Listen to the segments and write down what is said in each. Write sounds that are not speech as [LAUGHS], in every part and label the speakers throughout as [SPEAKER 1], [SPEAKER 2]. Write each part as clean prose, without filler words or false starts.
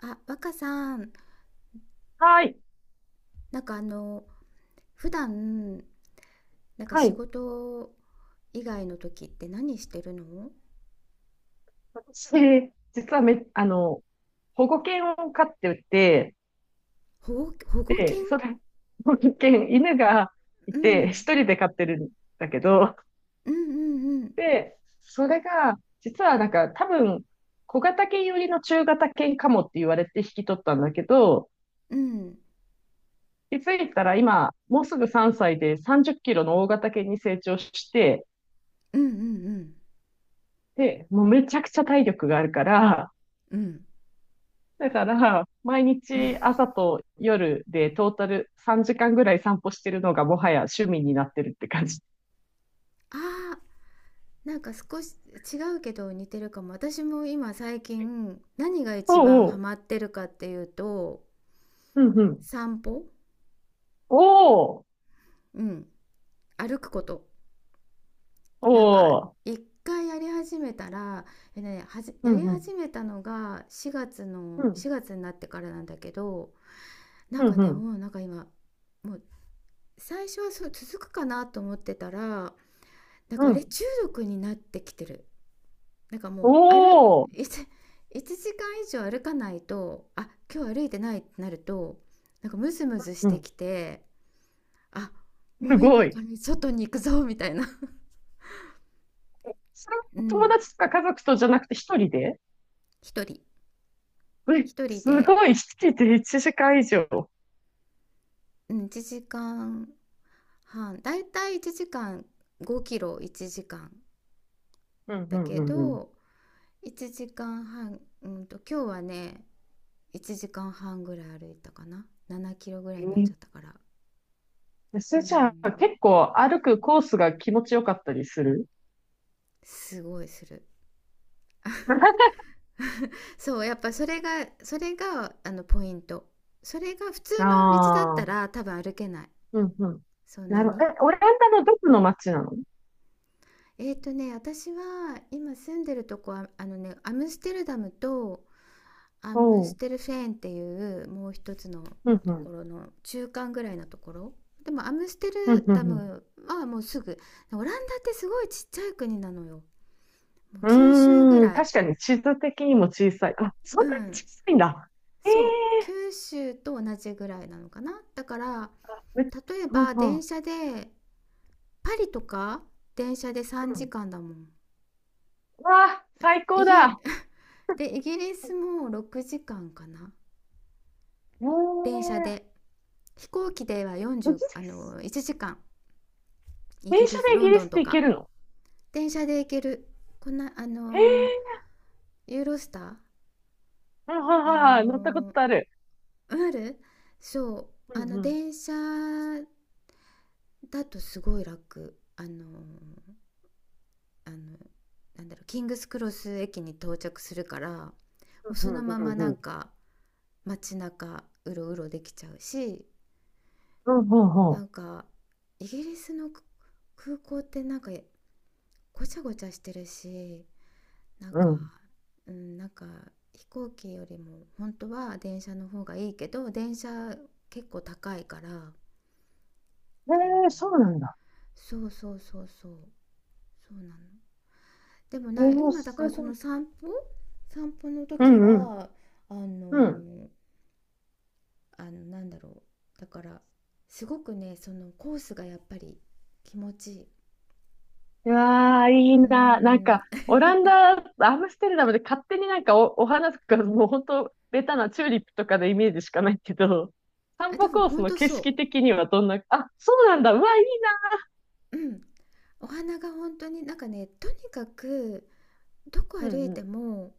[SPEAKER 1] あ、若さん、
[SPEAKER 2] はい。
[SPEAKER 1] なんか普段、なんか
[SPEAKER 2] は
[SPEAKER 1] 仕
[SPEAKER 2] い。
[SPEAKER 1] 事以外の時って何してるの？
[SPEAKER 2] 私、実はめ、あの、保護犬を飼ってて、
[SPEAKER 1] 保護犬。
[SPEAKER 2] で、それ、保護犬、犬がい
[SPEAKER 1] う
[SPEAKER 2] て、一
[SPEAKER 1] ん。
[SPEAKER 2] 人で飼ってるんだけど、
[SPEAKER 1] うんうんうん。
[SPEAKER 2] で、それが、実はなんか、多分、小型犬寄りの中型犬かもって言われて引き取ったんだけど、
[SPEAKER 1] うん。
[SPEAKER 2] 気づいたら今、もうすぐ3歳で30キロの大型犬に成長して、
[SPEAKER 1] うんうん
[SPEAKER 2] で、もうめちゃくちゃ体力があるから、
[SPEAKER 1] うん。
[SPEAKER 2] だから、毎
[SPEAKER 1] うん。
[SPEAKER 2] 日朝と夜でトータル3時間ぐらい散歩してるのがもはや趣味になってるって感じ。
[SPEAKER 1] ああ、なんか少し違うけど似てるかも。私も今最近何が一番
[SPEAKER 2] おうお
[SPEAKER 1] ハ
[SPEAKER 2] う。
[SPEAKER 1] マってるかっていうと、
[SPEAKER 2] うんうん。
[SPEAKER 1] 散歩。
[SPEAKER 2] おお。
[SPEAKER 1] うん。歩くこと。
[SPEAKER 2] お
[SPEAKER 1] なんか
[SPEAKER 2] お。
[SPEAKER 1] 一回やり始めたら、
[SPEAKER 2] う
[SPEAKER 1] や
[SPEAKER 2] ん
[SPEAKER 1] り
[SPEAKER 2] うん。
[SPEAKER 1] 始めたのが4月の
[SPEAKER 2] うん。
[SPEAKER 1] 4月になってからなんだけど、な
[SPEAKER 2] う
[SPEAKER 1] ん
[SPEAKER 2] ん
[SPEAKER 1] か
[SPEAKER 2] う
[SPEAKER 1] ね
[SPEAKER 2] ん。
[SPEAKER 1] もうなんか今、もう最初はそう続くかなと思ってたら、なん
[SPEAKER 2] う
[SPEAKER 1] かあれ、
[SPEAKER 2] ん。
[SPEAKER 1] 中毒になってきてる。なんかも
[SPEAKER 2] お
[SPEAKER 1] う歩
[SPEAKER 2] お。
[SPEAKER 1] 1 1時間以上歩かないと、あ、今日歩いてないってなると、なんかムズムズし
[SPEAKER 2] う
[SPEAKER 1] て
[SPEAKER 2] ん。
[SPEAKER 1] きて、あ、も
[SPEAKER 2] す
[SPEAKER 1] う今
[SPEAKER 2] ご
[SPEAKER 1] か
[SPEAKER 2] い。
[SPEAKER 1] ら外に行くぞみたいな。 [LAUGHS]
[SPEAKER 2] それ、
[SPEAKER 1] う
[SPEAKER 2] 友
[SPEAKER 1] ん。
[SPEAKER 2] 達とか家族とじゃなくて一人で
[SPEAKER 1] 一人。
[SPEAKER 2] え、
[SPEAKER 1] 一人
[SPEAKER 2] す
[SPEAKER 1] で。
[SPEAKER 2] ごい。一人で1時間以上。
[SPEAKER 1] うん、1時間半、だいたい1時間、5キロ1時間
[SPEAKER 2] うんう
[SPEAKER 1] だ
[SPEAKER 2] ん
[SPEAKER 1] け
[SPEAKER 2] うんうん。
[SPEAKER 1] ど、1時間半、今日はね、1時間半ぐらい歩いたかな、7キロぐらいになっちゃったから。
[SPEAKER 2] そ
[SPEAKER 1] う
[SPEAKER 2] れじゃあ
[SPEAKER 1] ん、
[SPEAKER 2] 結構歩くコースが気持ちよかったりする？
[SPEAKER 1] すごいする。
[SPEAKER 2] [LAUGHS]
[SPEAKER 1] そうやっぱ、それがポイント。それが普通の道だっ
[SPEAKER 2] あ
[SPEAKER 1] たら多分歩けない、
[SPEAKER 2] うんうん。
[SPEAKER 1] そん
[SPEAKER 2] な
[SPEAKER 1] な
[SPEAKER 2] るほ
[SPEAKER 1] に。
[SPEAKER 2] ど。え、オランダのどこの町なの？
[SPEAKER 1] 私は今住んでるとこはアムステルダムとアム
[SPEAKER 2] お
[SPEAKER 1] ス
[SPEAKER 2] う。
[SPEAKER 1] テルフェーンっていうもう一つのと
[SPEAKER 2] うんう
[SPEAKER 1] こ
[SPEAKER 2] ん。
[SPEAKER 1] ろの中間ぐらいのところ。でもアムステル
[SPEAKER 2] うんう
[SPEAKER 1] ダ
[SPEAKER 2] んうん。
[SPEAKER 1] ムはもうすぐ、オランダってすごいちっちゃい国なのよ。もう九州ぐ
[SPEAKER 2] うーん。
[SPEAKER 1] らい。
[SPEAKER 2] 確かに地図的にも小さい。あ、そ
[SPEAKER 1] う
[SPEAKER 2] んなに
[SPEAKER 1] ん、
[SPEAKER 2] 小さいんだ。ええ
[SPEAKER 1] そう、九州と同じぐらいなのかな。だから
[SPEAKER 2] ー
[SPEAKER 1] 例え
[SPEAKER 2] うん
[SPEAKER 1] ば
[SPEAKER 2] う
[SPEAKER 1] 電
[SPEAKER 2] ん。
[SPEAKER 1] 車でパリとか、電車で3
[SPEAKER 2] うん
[SPEAKER 1] 時間だもん。
[SPEAKER 2] うわあ、最
[SPEAKER 1] イ
[SPEAKER 2] 高
[SPEAKER 1] ギ
[SPEAKER 2] だ。
[SPEAKER 1] [LAUGHS] で、イギリスも6時間かんかな、
[SPEAKER 2] ええ
[SPEAKER 1] 電車
[SPEAKER 2] ー
[SPEAKER 1] で。飛行機では
[SPEAKER 2] イギリ
[SPEAKER 1] 40あ
[SPEAKER 2] ス。
[SPEAKER 1] の1時間、イギ
[SPEAKER 2] 電車
[SPEAKER 1] リス、
[SPEAKER 2] でイ
[SPEAKER 1] ロ
[SPEAKER 2] ギ
[SPEAKER 1] ン
[SPEAKER 2] リ
[SPEAKER 1] ド
[SPEAKER 2] スっ
[SPEAKER 1] ンと
[SPEAKER 2] て行け
[SPEAKER 1] か。
[SPEAKER 2] るの？
[SPEAKER 1] 電車で行ける、こんな
[SPEAKER 2] ええ
[SPEAKER 1] ユーロスター。
[SPEAKER 2] ーうんはい
[SPEAKER 1] あ
[SPEAKER 2] はいはい乗ったこ
[SPEAKER 1] のー
[SPEAKER 2] とある。
[SPEAKER 1] ある。そう、
[SPEAKER 2] うんうん。
[SPEAKER 1] 電車だとすごい楽、あのなんだろう、キングスクロス駅に到着するから、もうそ
[SPEAKER 2] うんう
[SPEAKER 1] の
[SPEAKER 2] ん
[SPEAKER 1] まま
[SPEAKER 2] うん
[SPEAKER 1] な
[SPEAKER 2] う
[SPEAKER 1] ん
[SPEAKER 2] ん。
[SPEAKER 1] か街中うろうろできちゃうし、
[SPEAKER 2] うんうんう
[SPEAKER 1] な
[SPEAKER 2] ん。
[SPEAKER 1] んかイギリスの空港ってなんかごちゃごちゃしてるし、なん
[SPEAKER 2] う
[SPEAKER 1] か
[SPEAKER 2] ん。
[SPEAKER 1] うんなんか、飛行機よりも本当は電車の方がいいけど、電車結構高いから
[SPEAKER 2] ええーそうなんだ。
[SPEAKER 1] そうそうそうそう、そうなの。でも
[SPEAKER 2] ええ
[SPEAKER 1] な、
[SPEAKER 2] ー
[SPEAKER 1] 今だか
[SPEAKER 2] す
[SPEAKER 1] らそ
[SPEAKER 2] ご
[SPEAKER 1] の
[SPEAKER 2] い。
[SPEAKER 1] 散歩の
[SPEAKER 2] う
[SPEAKER 1] 時
[SPEAKER 2] んうん。
[SPEAKER 1] は、あ
[SPEAKER 2] うん。
[SPEAKER 1] のなんだろう、だからすごくね、そのコースがやっぱり気持ちいい。
[SPEAKER 2] うわー、いい
[SPEAKER 1] うー
[SPEAKER 2] な。なんか、
[SPEAKER 1] ん。
[SPEAKER 2] オランダ、アムステルダムで勝手になんかお花とか、もう本当、ベタなチューリップとかのイメージしかないけど、
[SPEAKER 1] あ、
[SPEAKER 2] 散
[SPEAKER 1] で
[SPEAKER 2] 歩
[SPEAKER 1] も
[SPEAKER 2] コース
[SPEAKER 1] 本
[SPEAKER 2] の
[SPEAKER 1] 当
[SPEAKER 2] 景色
[SPEAKER 1] そ
[SPEAKER 2] 的にはどんな、あ、そうなんだ。うわ、いい
[SPEAKER 1] う、うん。お花が本当になんかね、とにかくどこ
[SPEAKER 2] な。う
[SPEAKER 1] 歩いて
[SPEAKER 2] ん
[SPEAKER 1] も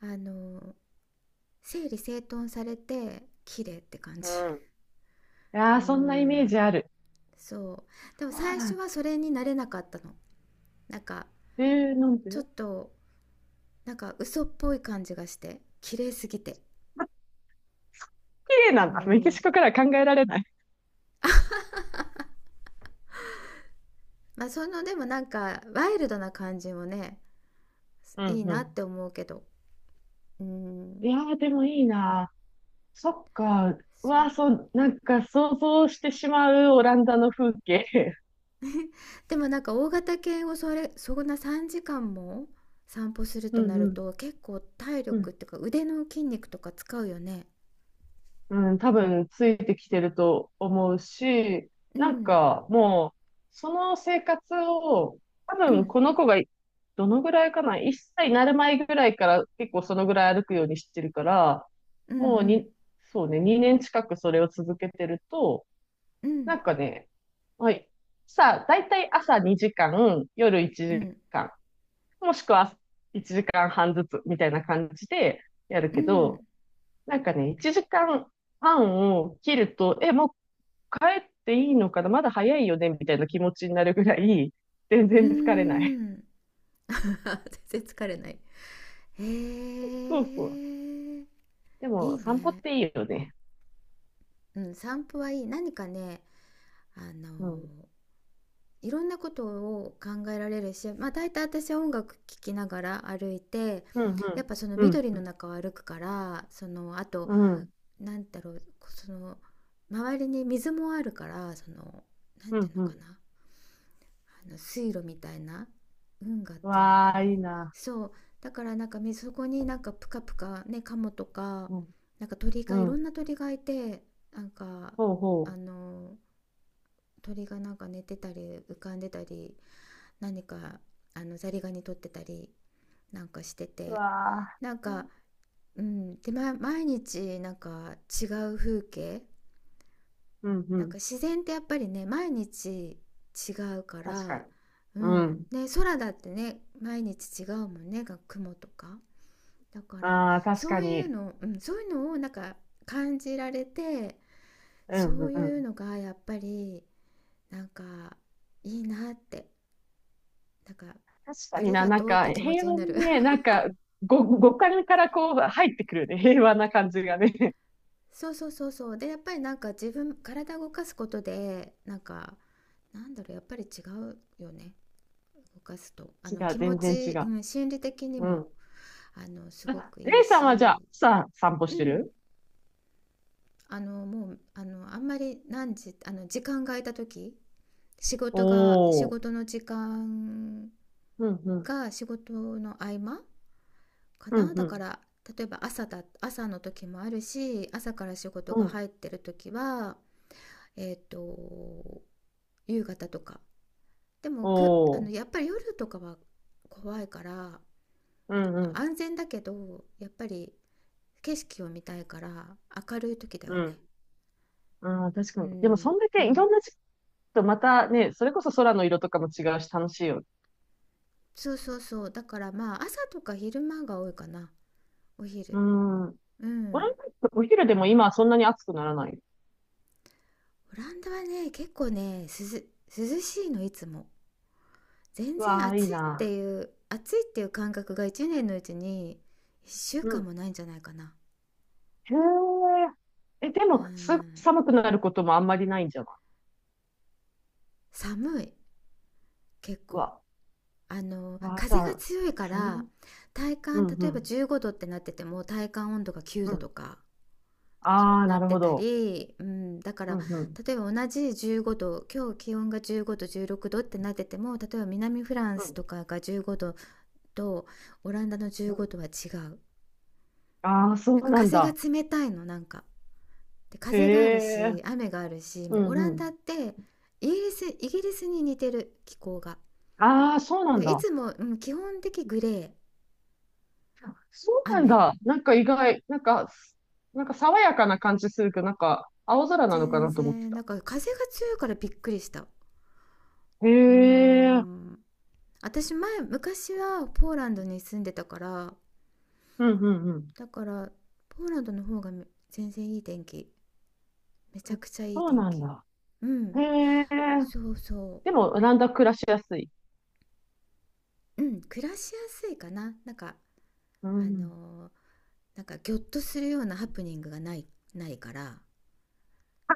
[SPEAKER 1] あの整理整頓されて綺麗って感
[SPEAKER 2] う
[SPEAKER 1] じ。
[SPEAKER 2] ん。うん。い
[SPEAKER 1] [LAUGHS]
[SPEAKER 2] や
[SPEAKER 1] う
[SPEAKER 2] ー、
[SPEAKER 1] ー
[SPEAKER 2] そんなイメージ
[SPEAKER 1] ん。
[SPEAKER 2] ある。
[SPEAKER 1] そう、でも
[SPEAKER 2] そう
[SPEAKER 1] 最
[SPEAKER 2] なん
[SPEAKER 1] 初
[SPEAKER 2] だ。
[SPEAKER 1] はそれになれなかったの。なんか
[SPEAKER 2] えなん
[SPEAKER 1] ちょっ
[SPEAKER 2] で？
[SPEAKER 1] となんか嘘っぽい感じがして綺麗すぎて。
[SPEAKER 2] 綺麗な
[SPEAKER 1] うー
[SPEAKER 2] んだ。メキシ
[SPEAKER 1] ん、
[SPEAKER 2] コからは考えられない。
[SPEAKER 1] まあそのでもなんかワイルドな感じもね、
[SPEAKER 2] う
[SPEAKER 1] い
[SPEAKER 2] ん
[SPEAKER 1] いなっ
[SPEAKER 2] う
[SPEAKER 1] て思うけど。うー
[SPEAKER 2] ん。い
[SPEAKER 1] ん、
[SPEAKER 2] やー、でもいいな。そっか。う
[SPEAKER 1] そ
[SPEAKER 2] わー、
[SPEAKER 1] う。
[SPEAKER 2] そう、なんか想像してしまうオランダの風景。
[SPEAKER 1] でもなんか、大型犬をそれそんな3時間も散歩する
[SPEAKER 2] [LAUGHS] う
[SPEAKER 1] とな
[SPEAKER 2] ん
[SPEAKER 1] る
[SPEAKER 2] うん。
[SPEAKER 1] と、結構体
[SPEAKER 2] う
[SPEAKER 1] 力っ
[SPEAKER 2] ん
[SPEAKER 1] ていうか腕の筋肉とか使うよね。
[SPEAKER 2] うん、多分ついてきてると思うし、
[SPEAKER 1] う
[SPEAKER 2] なん
[SPEAKER 1] ん
[SPEAKER 2] かもう、その生活を、多
[SPEAKER 1] う
[SPEAKER 2] 分
[SPEAKER 1] ん、
[SPEAKER 2] この子がどのぐらいかな、1歳になる前ぐらいから結構そのぐらい歩くようにしてるから、
[SPEAKER 1] う
[SPEAKER 2] もう
[SPEAKER 1] ん、
[SPEAKER 2] に、そうね、2年近くそれを続けてると、
[SPEAKER 1] うん、うん、
[SPEAKER 2] なんかね、はい。さあ、だいたい朝2時間、夜1
[SPEAKER 1] うん、
[SPEAKER 2] 時間、もしくは1時間半ずつみたいな感じでやるけど、なんかね、1時間半を切ると、え、もう帰っていいのかなまだ早いよねみたいな気持ちになるぐらい、全
[SPEAKER 1] うん、
[SPEAKER 2] 然疲れない。
[SPEAKER 1] うん。[LAUGHS] 全然疲れない。へ
[SPEAKER 2] [LAUGHS] そうそう。
[SPEAKER 1] え、
[SPEAKER 2] で
[SPEAKER 1] い
[SPEAKER 2] も、
[SPEAKER 1] い
[SPEAKER 2] 散歩っ
[SPEAKER 1] ね。
[SPEAKER 2] ていいよね。
[SPEAKER 1] うん、散歩はいい。何かね、あの
[SPEAKER 2] うん。
[SPEAKER 1] いろんなことを考えられるし、まあ、大体私は音楽聴きながら歩いて、
[SPEAKER 2] うん、
[SPEAKER 1] やっぱその
[SPEAKER 2] うん。
[SPEAKER 1] 緑
[SPEAKER 2] うん、
[SPEAKER 1] の中を歩くから、そのあと
[SPEAKER 2] うん。
[SPEAKER 1] なんだろう、その周りに水もあるから、そのなん
[SPEAKER 2] う
[SPEAKER 1] てい
[SPEAKER 2] ん、
[SPEAKER 1] うの
[SPEAKER 2] う
[SPEAKER 1] か
[SPEAKER 2] ん。
[SPEAKER 1] な、あの水路みたいな、運河っ
[SPEAKER 2] う
[SPEAKER 1] ていうのか
[SPEAKER 2] わあ、
[SPEAKER 1] な。
[SPEAKER 2] いいな。
[SPEAKER 1] そうだから、なんかそこになんかプカプカね、カモとか
[SPEAKER 2] うん、
[SPEAKER 1] なんか鳥
[SPEAKER 2] う
[SPEAKER 1] が、いろん
[SPEAKER 2] ん。
[SPEAKER 1] な鳥がいて、なんか
[SPEAKER 2] ほうほ
[SPEAKER 1] あの鳥がなんか寝てたり浮かんでたり、何かザリガニ取ってたりなんかして
[SPEAKER 2] う。う
[SPEAKER 1] て、
[SPEAKER 2] わあ。
[SPEAKER 1] なんか、うん、で、ま、毎日なんか違う風景、
[SPEAKER 2] うん、う
[SPEAKER 1] なん
[SPEAKER 2] ん。
[SPEAKER 1] か自然ってやっぱりね毎日違うか
[SPEAKER 2] 確か
[SPEAKER 1] ら、
[SPEAKER 2] に。
[SPEAKER 1] う
[SPEAKER 2] う
[SPEAKER 1] ん、
[SPEAKER 2] ん。
[SPEAKER 1] ね、空だってね毎日違うもんね、が雲とか。だから
[SPEAKER 2] ああ、確
[SPEAKER 1] そ
[SPEAKER 2] か
[SPEAKER 1] うい
[SPEAKER 2] に。
[SPEAKER 1] うの、うん、そういうのをなんか感じられて、
[SPEAKER 2] うん、
[SPEAKER 1] そう
[SPEAKER 2] う
[SPEAKER 1] いう
[SPEAKER 2] ん。
[SPEAKER 1] のがやっぱりなんかいいなって、なんか
[SPEAKER 2] 確か
[SPEAKER 1] あ
[SPEAKER 2] に
[SPEAKER 1] り
[SPEAKER 2] な、
[SPEAKER 1] が
[SPEAKER 2] なん
[SPEAKER 1] とうっ
[SPEAKER 2] か
[SPEAKER 1] て気持
[SPEAKER 2] 平
[SPEAKER 1] ちに
[SPEAKER 2] 和
[SPEAKER 1] な
[SPEAKER 2] に
[SPEAKER 1] る。
[SPEAKER 2] ね、なんか五感からこう入ってくるね、平和な感じがね。[LAUGHS]
[SPEAKER 1] [LAUGHS] そうそうそうそう、でやっぱりなんか自分、体動かすことでなんかなんだろう、やっぱり違うよね、動かすと、
[SPEAKER 2] 違う、
[SPEAKER 1] 気持
[SPEAKER 2] 全然違
[SPEAKER 1] ち、う
[SPEAKER 2] う。
[SPEAKER 1] ん、心理的に
[SPEAKER 2] う
[SPEAKER 1] も
[SPEAKER 2] ん。
[SPEAKER 1] すご
[SPEAKER 2] あ、
[SPEAKER 1] く
[SPEAKER 2] レ
[SPEAKER 1] いい
[SPEAKER 2] イさんはじゃ
[SPEAKER 1] し、
[SPEAKER 2] あ、散歩
[SPEAKER 1] う
[SPEAKER 2] して
[SPEAKER 1] ん。
[SPEAKER 2] る？
[SPEAKER 1] もうあんまり何時時間が空いた時、仕
[SPEAKER 2] お
[SPEAKER 1] 事が仕事
[SPEAKER 2] ー。
[SPEAKER 1] の時間
[SPEAKER 2] うん、うん、
[SPEAKER 1] 仕事の合間か
[SPEAKER 2] うん、
[SPEAKER 1] な。
[SPEAKER 2] う
[SPEAKER 1] だか
[SPEAKER 2] ん、
[SPEAKER 1] ら例えば朝の時もあるし、朝から仕事
[SPEAKER 2] う
[SPEAKER 1] が
[SPEAKER 2] ん。
[SPEAKER 1] 入ってる時はえっ、ー、と夕方とか。でも
[SPEAKER 2] お
[SPEAKER 1] やっ
[SPEAKER 2] ー。
[SPEAKER 1] ぱり夜とかは怖いから、ま
[SPEAKER 2] うん、う
[SPEAKER 1] あ、
[SPEAKER 2] ん、
[SPEAKER 1] 安全だけどやっぱり景色を見たいから、明るい時だよ
[SPEAKER 2] うん。
[SPEAKER 1] ね。
[SPEAKER 2] ああ、確
[SPEAKER 1] う
[SPEAKER 2] かに。でも、
[SPEAKER 1] ん、
[SPEAKER 2] そんだ
[SPEAKER 1] う
[SPEAKER 2] けいろ
[SPEAKER 1] ん。
[SPEAKER 2] んな時期とまたね、それこそ空の色とかも違うし、楽しいよ。
[SPEAKER 1] そうそうそう、だからまあ朝とか昼間が多いかな、お
[SPEAKER 2] う
[SPEAKER 1] 昼。
[SPEAKER 2] ん。
[SPEAKER 1] う
[SPEAKER 2] 俺、
[SPEAKER 1] ん。
[SPEAKER 2] お昼でも今はそんなに暑くならない。
[SPEAKER 1] オランダはね、結構ね涼しいの、いつも。全
[SPEAKER 2] う
[SPEAKER 1] 然
[SPEAKER 2] わあ、いい
[SPEAKER 1] 暑いっ
[SPEAKER 2] な。
[SPEAKER 1] ていう、暑いっていう感覚が1年のうちに1週間もないんじゃないかな。
[SPEAKER 2] へえ。え、で
[SPEAKER 1] う
[SPEAKER 2] も、す、
[SPEAKER 1] ん、
[SPEAKER 2] 寒くなることもあんまりないんじゃない？
[SPEAKER 1] 寒い、結
[SPEAKER 2] う
[SPEAKER 1] 構
[SPEAKER 2] わ、うわ、じゃ
[SPEAKER 1] 風が
[SPEAKER 2] あ、
[SPEAKER 1] 強いか
[SPEAKER 2] す
[SPEAKER 1] ら、
[SPEAKER 2] ん、
[SPEAKER 1] 体
[SPEAKER 2] う
[SPEAKER 1] 感、
[SPEAKER 2] ん、う
[SPEAKER 1] 例えば
[SPEAKER 2] ん、
[SPEAKER 1] 15度ってなってても体感温度が9
[SPEAKER 2] う
[SPEAKER 1] 度
[SPEAKER 2] ん。
[SPEAKER 1] とか、そ
[SPEAKER 2] あ
[SPEAKER 1] う
[SPEAKER 2] あ、
[SPEAKER 1] な
[SPEAKER 2] な
[SPEAKER 1] っ
[SPEAKER 2] る
[SPEAKER 1] て
[SPEAKER 2] ほ
[SPEAKER 1] た
[SPEAKER 2] ど。
[SPEAKER 1] り、うん、だか
[SPEAKER 2] う
[SPEAKER 1] ら
[SPEAKER 2] ん、うん、
[SPEAKER 1] 例えば同じ15度、今日気温が15度16度ってなってても、例えば南フラン
[SPEAKER 2] う
[SPEAKER 1] ス
[SPEAKER 2] ん、
[SPEAKER 1] とかが15度と、オランダの
[SPEAKER 2] う
[SPEAKER 1] 15
[SPEAKER 2] ん。
[SPEAKER 1] 度は違う。
[SPEAKER 2] ああ、そ
[SPEAKER 1] なん
[SPEAKER 2] う
[SPEAKER 1] か
[SPEAKER 2] なん
[SPEAKER 1] 風が
[SPEAKER 2] だ。
[SPEAKER 1] 冷たいのなんか、で、
[SPEAKER 2] へ
[SPEAKER 1] 風がある
[SPEAKER 2] え。
[SPEAKER 1] し雨があるし、
[SPEAKER 2] う
[SPEAKER 1] もうオラ
[SPEAKER 2] ん、う
[SPEAKER 1] ンダっ
[SPEAKER 2] ん。
[SPEAKER 1] てイギリスに似てる、気候が。
[SPEAKER 2] ああ、そうな
[SPEAKER 1] だ
[SPEAKER 2] ん
[SPEAKER 1] からい
[SPEAKER 2] だ。
[SPEAKER 1] つも、うん、基本的グレー、
[SPEAKER 2] そうなん
[SPEAKER 1] 雨。
[SPEAKER 2] だ。なんか意外、なんか、なんか爽やかな感じするけど、なんか、青空なのか
[SPEAKER 1] 全
[SPEAKER 2] なと思って
[SPEAKER 1] 然な
[SPEAKER 2] た。
[SPEAKER 1] んか、風が強いからびっくりした。う
[SPEAKER 2] へ
[SPEAKER 1] ー
[SPEAKER 2] え。
[SPEAKER 1] ん、私昔はポーランドに住んでたから、
[SPEAKER 2] うん、うん、うん。
[SPEAKER 1] だからポーランドの方が全然いい天気、めちゃくちゃいい
[SPEAKER 2] そう
[SPEAKER 1] 天
[SPEAKER 2] なん
[SPEAKER 1] 気。
[SPEAKER 2] だ。
[SPEAKER 1] う
[SPEAKER 2] へ
[SPEAKER 1] ん、
[SPEAKER 2] え。
[SPEAKER 1] そうそ
[SPEAKER 2] でも、オランダ暮らしやすい？
[SPEAKER 1] う。うん、暮らしやすいかな、なんか
[SPEAKER 2] う
[SPEAKER 1] あ
[SPEAKER 2] ん。
[SPEAKER 1] のーなんかギョッとするようなハプニングがないから、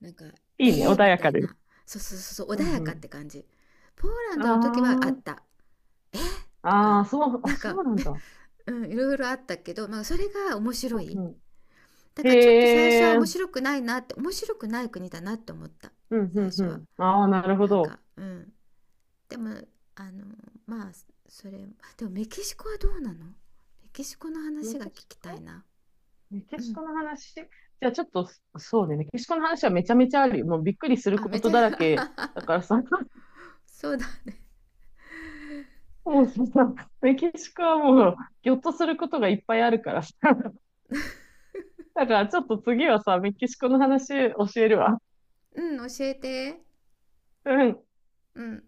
[SPEAKER 1] なんかえ
[SPEAKER 2] いいね、
[SPEAKER 1] ー、
[SPEAKER 2] 穏
[SPEAKER 1] み
[SPEAKER 2] や
[SPEAKER 1] た
[SPEAKER 2] か
[SPEAKER 1] い
[SPEAKER 2] で。
[SPEAKER 1] な。そうそうそうそう、
[SPEAKER 2] う
[SPEAKER 1] 穏
[SPEAKER 2] ん
[SPEAKER 1] や
[SPEAKER 2] う
[SPEAKER 1] かっ
[SPEAKER 2] ん。
[SPEAKER 1] て感じ。ポーラン
[SPEAKER 2] あ
[SPEAKER 1] ドの時はあった、えー、と
[SPEAKER 2] あ、あ
[SPEAKER 1] か、
[SPEAKER 2] あ、そう、あ、
[SPEAKER 1] なん
[SPEAKER 2] そ
[SPEAKER 1] か。
[SPEAKER 2] うなんだ。
[SPEAKER 1] [LAUGHS] うん、いろいろあったけど、まあ、それが面白
[SPEAKER 2] う
[SPEAKER 1] い。
[SPEAKER 2] んうん、
[SPEAKER 1] だからちょっと最初
[SPEAKER 2] へ
[SPEAKER 1] は
[SPEAKER 2] え、うん、
[SPEAKER 1] 面白くない国だなって思った、
[SPEAKER 2] うん、
[SPEAKER 1] 最初は。
[SPEAKER 2] うん。ああ、なるほ
[SPEAKER 1] なん
[SPEAKER 2] ど。
[SPEAKER 1] かうん、でもあのまあ、それでもメキシコはどうなの？メキシコの
[SPEAKER 2] メ
[SPEAKER 1] 話
[SPEAKER 2] キ
[SPEAKER 1] が聞
[SPEAKER 2] シ
[SPEAKER 1] きたい
[SPEAKER 2] コ
[SPEAKER 1] な。
[SPEAKER 2] メキ
[SPEAKER 1] う
[SPEAKER 2] シコ
[SPEAKER 1] ん。
[SPEAKER 2] の話じゃあちょっと、そうね、メキシコの話はめちゃめちゃあるよ。もうびっくりする
[SPEAKER 1] あ、
[SPEAKER 2] こ
[SPEAKER 1] めち
[SPEAKER 2] と
[SPEAKER 1] ゃ。
[SPEAKER 2] だ
[SPEAKER 1] [LAUGHS]
[SPEAKER 2] らけだからさ、[LAUGHS]
[SPEAKER 1] そうだね。
[SPEAKER 2] もうさ、メキシコはもう、ぎょっとすることがいっぱいあるからさ。だからちょっと次はさ、メキシコの話教えるわ。
[SPEAKER 1] うん、教えて。
[SPEAKER 2] うん。
[SPEAKER 1] うん。